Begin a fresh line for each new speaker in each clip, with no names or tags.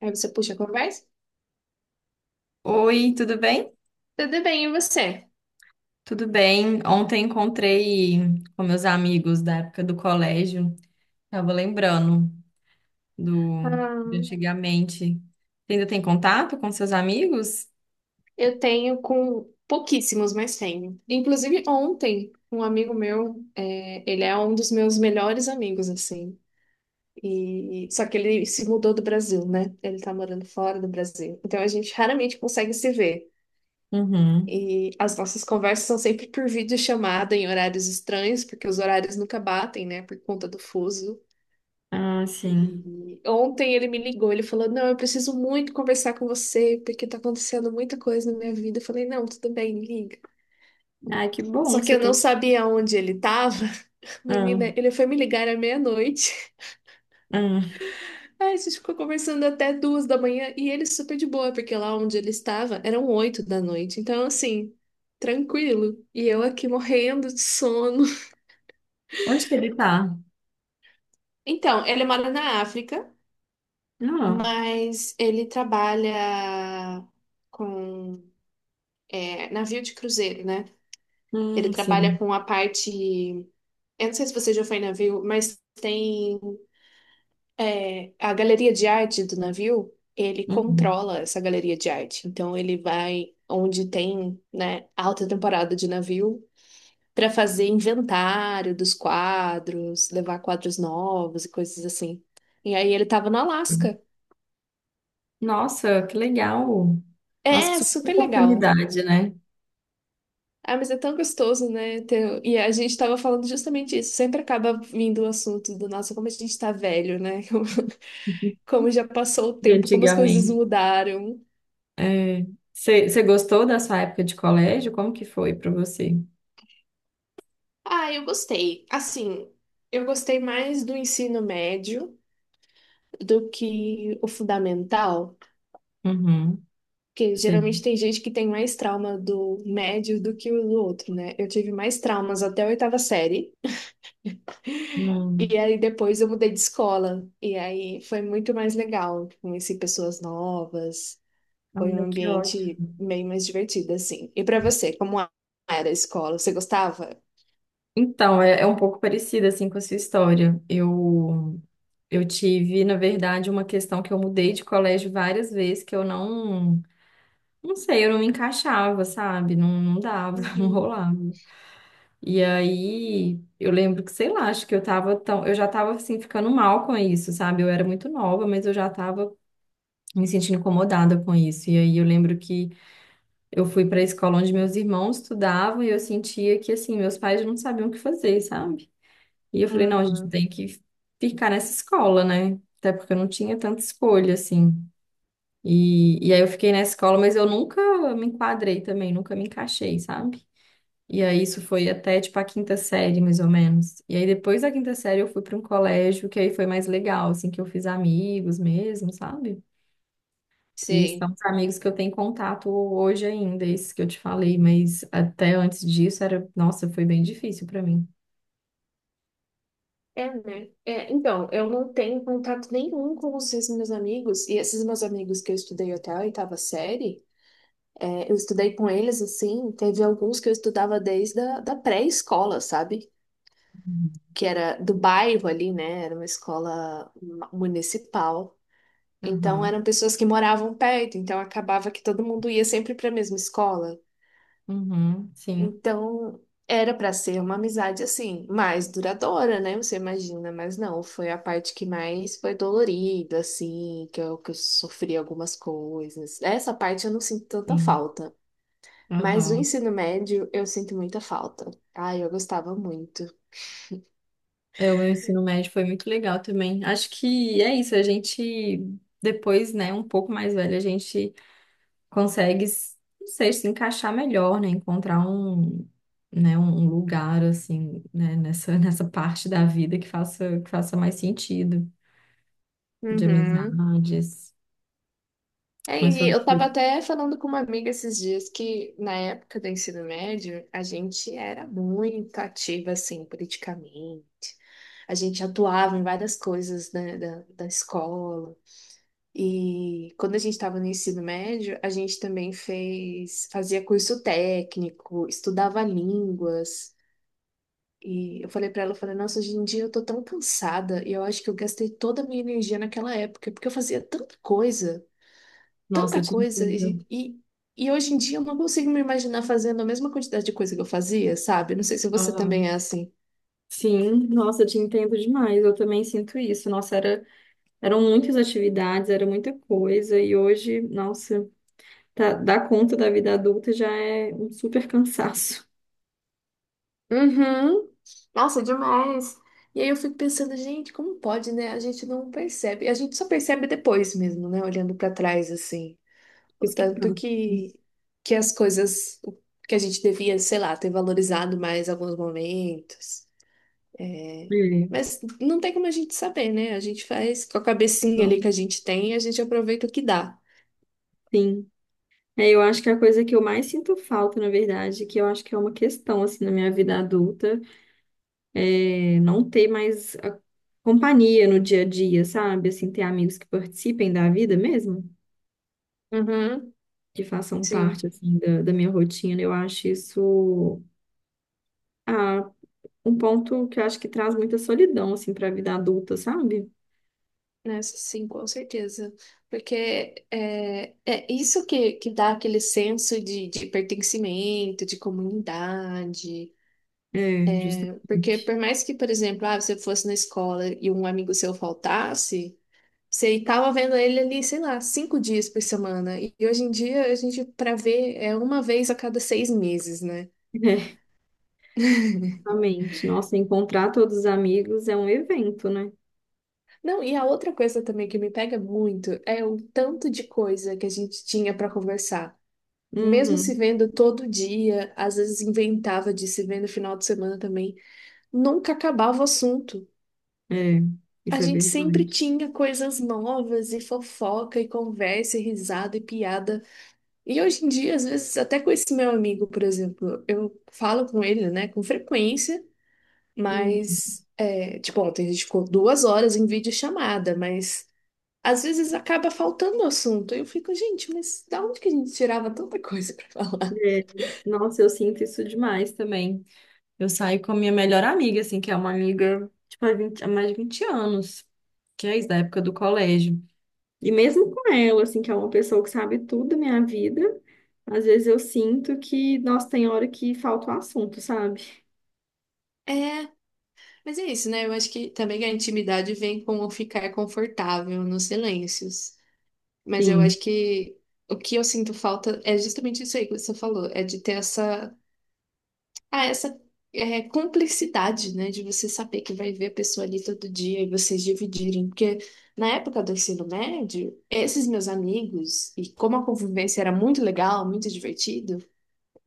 Aí você puxa a conversa.
Oi, tudo bem?
Tudo bem, e você?
Tudo bem. Ontem encontrei com meus amigos da época do colégio. Tava lembrando do de
Ah,
antigamente. Você ainda tem contato com seus amigos?
eu tenho com pouquíssimos, mas tenho. Inclusive, ontem, um amigo meu, ele é um dos meus melhores amigos, assim. E, só que ele se mudou do Brasil, né? Ele tá morando fora do Brasil. Então a gente raramente consegue se ver.
Uhum.
E as nossas conversas são sempre por videochamada em horários estranhos, porque os horários nunca batem, né? Por conta do fuso.
Ah, sim.
E ontem ele me ligou, ele falou: Não, eu preciso muito conversar com você, porque tá acontecendo muita coisa na minha vida. Eu falei: Não, tudo bem, liga.
Ai, que bom
Só
que
que
você
eu não
tem.
sabia onde ele tava. Menina,
Ah,
ele foi me ligar à meia-noite.
ah.
Aí a gente ficou conversando até 2 da manhã e ele super de boa, porque lá onde ele estava eram 8 da noite. Então, assim, tranquilo. E eu aqui morrendo de sono.
Onde que ele tá?
Então, ele mora na África,
Ah,
mas ele trabalha com navio de cruzeiro, né? Ele trabalha
sim.
com a parte. Eu não sei se você já foi em navio, mas tem a galeria de arte do navio, ele
Uhum.
controla essa galeria de arte. Então ele vai onde tem, né, alta temporada de navio para fazer inventário dos quadros, levar quadros novos e coisas assim. E aí ele tava no Alasca.
Nossa, que legal. Nossa, que
É
super
super legal.
oportunidade, né?
Ah, mas é tão gostoso, né? E a gente tava falando justamente isso. Sempre acaba vindo o assunto do nossa, como a gente tá velho, né? Como já passou o
De
tempo, como as coisas
antigamente.
mudaram.
É. Você gostou da sua época de colégio? Como que foi para você?
Ah, eu gostei. Assim, eu gostei mais do ensino médio do que o fundamental,
Uhum.
porque
Sei.
geralmente tem gente que tem mais trauma do médio do que o do outro, né? Eu tive mais traumas até a oitava série. E
Hum.
aí depois eu mudei de escola. E aí foi muito mais legal. Conheci pessoas novas. Foi um
Olha, que
ambiente
ótimo.
meio mais divertido, assim. E pra você, como era a escola? Você gostava?
Então, é, é um pouco parecida assim com a sua história. Eu tive, na verdade, uma questão que eu mudei de colégio várias vezes que eu não sei, eu não me encaixava, sabe? Não, não dava, não
Uhum.
rolava. E aí, eu lembro que, sei lá, acho que eu tava tão, eu já tava assim ficando mal com isso, sabe? Eu era muito nova, mas eu já tava me sentindo incomodada com isso. E aí eu lembro que eu fui para a escola onde meus irmãos estudavam e eu sentia que assim, meus pais não sabiam o que fazer, sabe? E eu falei, não, a gente
Uhum,
tem que ficar nessa escola, né? Até porque eu não tinha tanta escolha assim. E aí eu fiquei nessa escola, mas eu nunca me enquadrei também, nunca me encaixei, sabe? E aí isso foi até tipo a quinta série, mais ou menos. E aí depois da quinta série eu fui para um colégio que aí foi mais legal, assim, que eu fiz amigos mesmo, sabe? Que
sei.
são os amigos que eu tenho contato hoje ainda, esses que eu te falei, mas até antes disso era, nossa, foi bem difícil para mim.
É, né? É, então, eu não tenho contato nenhum com os esses meus amigos, e esses meus amigos que eu estudei até a oitava série, eu estudei com eles assim, teve alguns que eu estudava desde a da pré-escola, sabe?
Uhum.
Que era do bairro ali, né? Era uma escola municipal. Então
Aham,
eram pessoas que moravam perto, então acabava que todo mundo ia sempre para a mesma escola.
uhum, sim,
Então era para ser uma amizade assim, mais duradoura, né? Você imagina, mas não, foi a parte que mais foi dolorida, assim, que eu sofri algumas coisas. Essa parte eu não sinto tanta
sim,
falta. Mas o
aham.
ensino médio eu sinto muita falta. Ai, eu gostava muito.
É, o meu ensino médio foi muito legal também. Acho que é isso, a gente, depois, né, um pouco mais velho, a gente consegue, não sei, se encaixar melhor, né, encontrar um, né, um lugar, assim, né, nessa, nessa parte da vida que faça mais sentido, de
Uhum.
amizades.
É,
Mas
e
foi...
eu tava até falando com uma amiga esses dias que na época do ensino médio a gente era muito ativa assim politicamente. A gente atuava em várias coisas, né, da escola. E quando a gente estava no ensino médio, a gente também fazia curso técnico, estudava línguas. E eu falei pra ela, eu falei, nossa, hoje em dia eu tô tão cansada e eu acho que eu gastei toda a minha energia naquela época, porque eu fazia
Nossa, eu
tanta
te
coisa
entendo.
e hoje em dia eu não consigo me imaginar fazendo a mesma quantidade de coisa que eu fazia, sabe? Não sei se você também é
Aham.
assim.
Sim, nossa, eu te entendo demais. Eu também sinto isso. Nossa, era, eram muitas atividades, era muita coisa. E hoje, nossa, tá, dar conta da vida adulta já é um super cansaço.
Uhum. Nossa, demais. E aí eu fico pensando, gente, como pode, né? A gente não percebe. A gente só percebe depois mesmo, né? Olhando pra trás assim. O
Isso que
tanto
passa.
que as coisas que a gente devia, sei lá, ter valorizado mais alguns momentos, né?
É,
Mas não tem como a gente saber, né? A gente faz com a cabecinha ali
então,
que a gente tem, a gente aproveita o que dá.
sim. É, eu acho que a coisa que eu mais sinto falta, na verdade, que eu acho que é uma questão, assim, na minha vida adulta, é não ter mais a companhia no dia a dia, sabe? Assim, ter amigos que participem da vida mesmo.
Uhum,
Que façam
sim,
parte assim da minha rotina. Eu acho isso ah, um ponto que eu acho que traz muita solidão assim para a vida adulta, sabe?
nessa sim, com certeza. Porque é isso que dá aquele senso de pertencimento, de comunidade.
É,
Porque
justamente.
por mais que, por exemplo, ah, você fosse na escola e um amigo seu faltasse, você estava vendo ele ali, sei lá, 5 dias por semana. E hoje em dia a gente, para ver, é uma vez a cada 6 meses, né?
É, justamente. Nossa, encontrar todos os amigos é um evento, né?
Não, e a outra coisa também que me pega muito é o tanto de coisa que a gente tinha para conversar. Mesmo
Uhum.
se vendo todo dia, às vezes inventava de se ver no final de semana também, nunca acabava o assunto.
É,
A
isso é
gente sempre
verdade.
tinha coisas novas e fofoca e conversa e risada e piada. E hoje em dia, às vezes, até com esse meu amigo, por exemplo, eu falo com ele, né, com frequência,
Uhum.
mas, tipo, ontem a gente ficou 2 horas em videochamada, mas às vezes acaba faltando assunto. Eu fico, gente, mas da onde que a gente tirava tanta coisa pra falar?
É, nossa, eu sinto isso demais também. Eu saio com a minha melhor amiga, assim, que é uma amiga, tipo, há mais de 20 anos, que é isso, da época do colégio. E mesmo com ela, assim, que é uma pessoa que sabe tudo da minha vida, às vezes eu sinto que, nossa, tem hora que falta o assunto, sabe?
É, mas é isso, né? Eu acho que também a intimidade vem com o ficar confortável nos silêncios. Mas eu
Sim.
acho que o que eu sinto falta é justamente isso aí que você falou, é de ter essa cumplicidade, né? De você saber que vai ver a pessoa ali todo dia e vocês dividirem. Porque na época do ensino médio, esses meus amigos, e como a convivência era muito legal, muito divertido,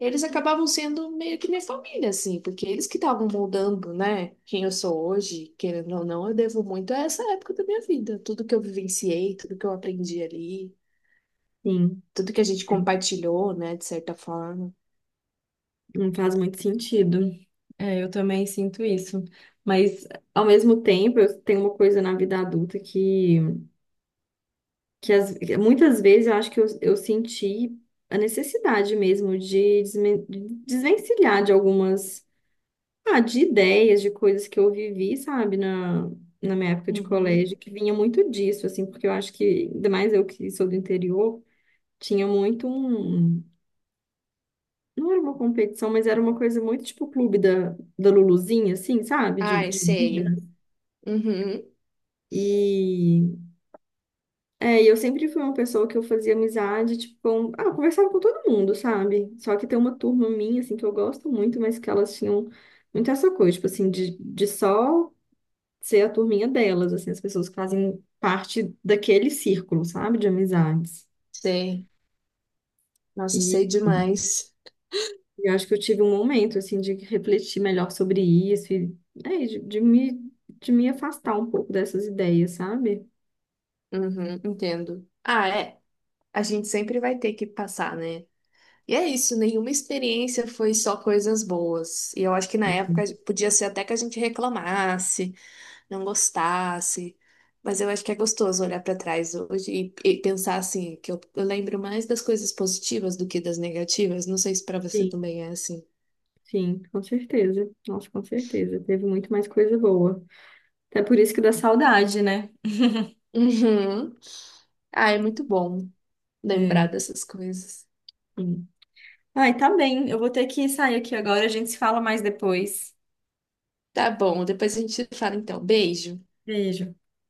eles acabavam sendo meio que minha família, assim, porque eles que estavam moldando, né, quem eu sou hoje, querendo ou não, eu devo muito a essa época da minha vida. Tudo que eu vivenciei, tudo que eu aprendi ali,
Sim,
tudo que a gente compartilhou, né, de certa forma.
não faz muito sentido. É, eu também sinto isso. Mas, ao mesmo tempo, eu tenho uma coisa na vida adulta que muitas vezes eu acho que eu senti a necessidade mesmo de de desvencilhar de algumas. Ah, de ideias, de coisas que eu vivi, sabe, na, na minha época de
Uhum.
colégio, que vinha muito disso, assim, porque eu acho que, ainda mais eu que sou do interior, tinha muito um. Não era uma competição, mas era uma coisa muito tipo o clube da Luluzinha, assim, sabe?
Ai,
De menina.
sei. Uhum.
E é, e eu sempre fui uma pessoa que eu fazia amizade, tipo, com, ah, eu conversava com todo mundo, sabe? Só que tem uma turma minha, assim, que eu gosto muito, mas que elas tinham muito essa coisa, tipo assim, de só. Ser a turminha delas, assim, as pessoas que fazem parte daquele círculo, sabe, de amizades.
Sei. Nossa,
E
sei demais.
eu acho que eu tive um momento, assim, de refletir melhor sobre isso e, é, de, de me afastar um pouco dessas ideias, sabe?
Uhum, entendo. Ah, é. A gente sempre vai ter que passar, né? E é isso, nenhuma experiência foi só coisas boas. E eu acho que na época podia ser até que a gente reclamasse, não gostasse. Mas eu acho que é gostoso olhar para trás hoje e pensar assim, que eu lembro mais das coisas positivas do que das negativas. Não sei se para você
Sim,
também é assim.
sim, com certeza. Nossa, com certeza. Teve muito mais coisa boa. Até por isso que dá saudade, né?
Uhum. Ah, é muito bom
É,
lembrar dessas coisas.
sim. Ai, tá bem. Eu vou ter que sair aqui agora. A gente se fala mais depois.
Tá bom, depois a gente fala então. Beijo.
Beijo.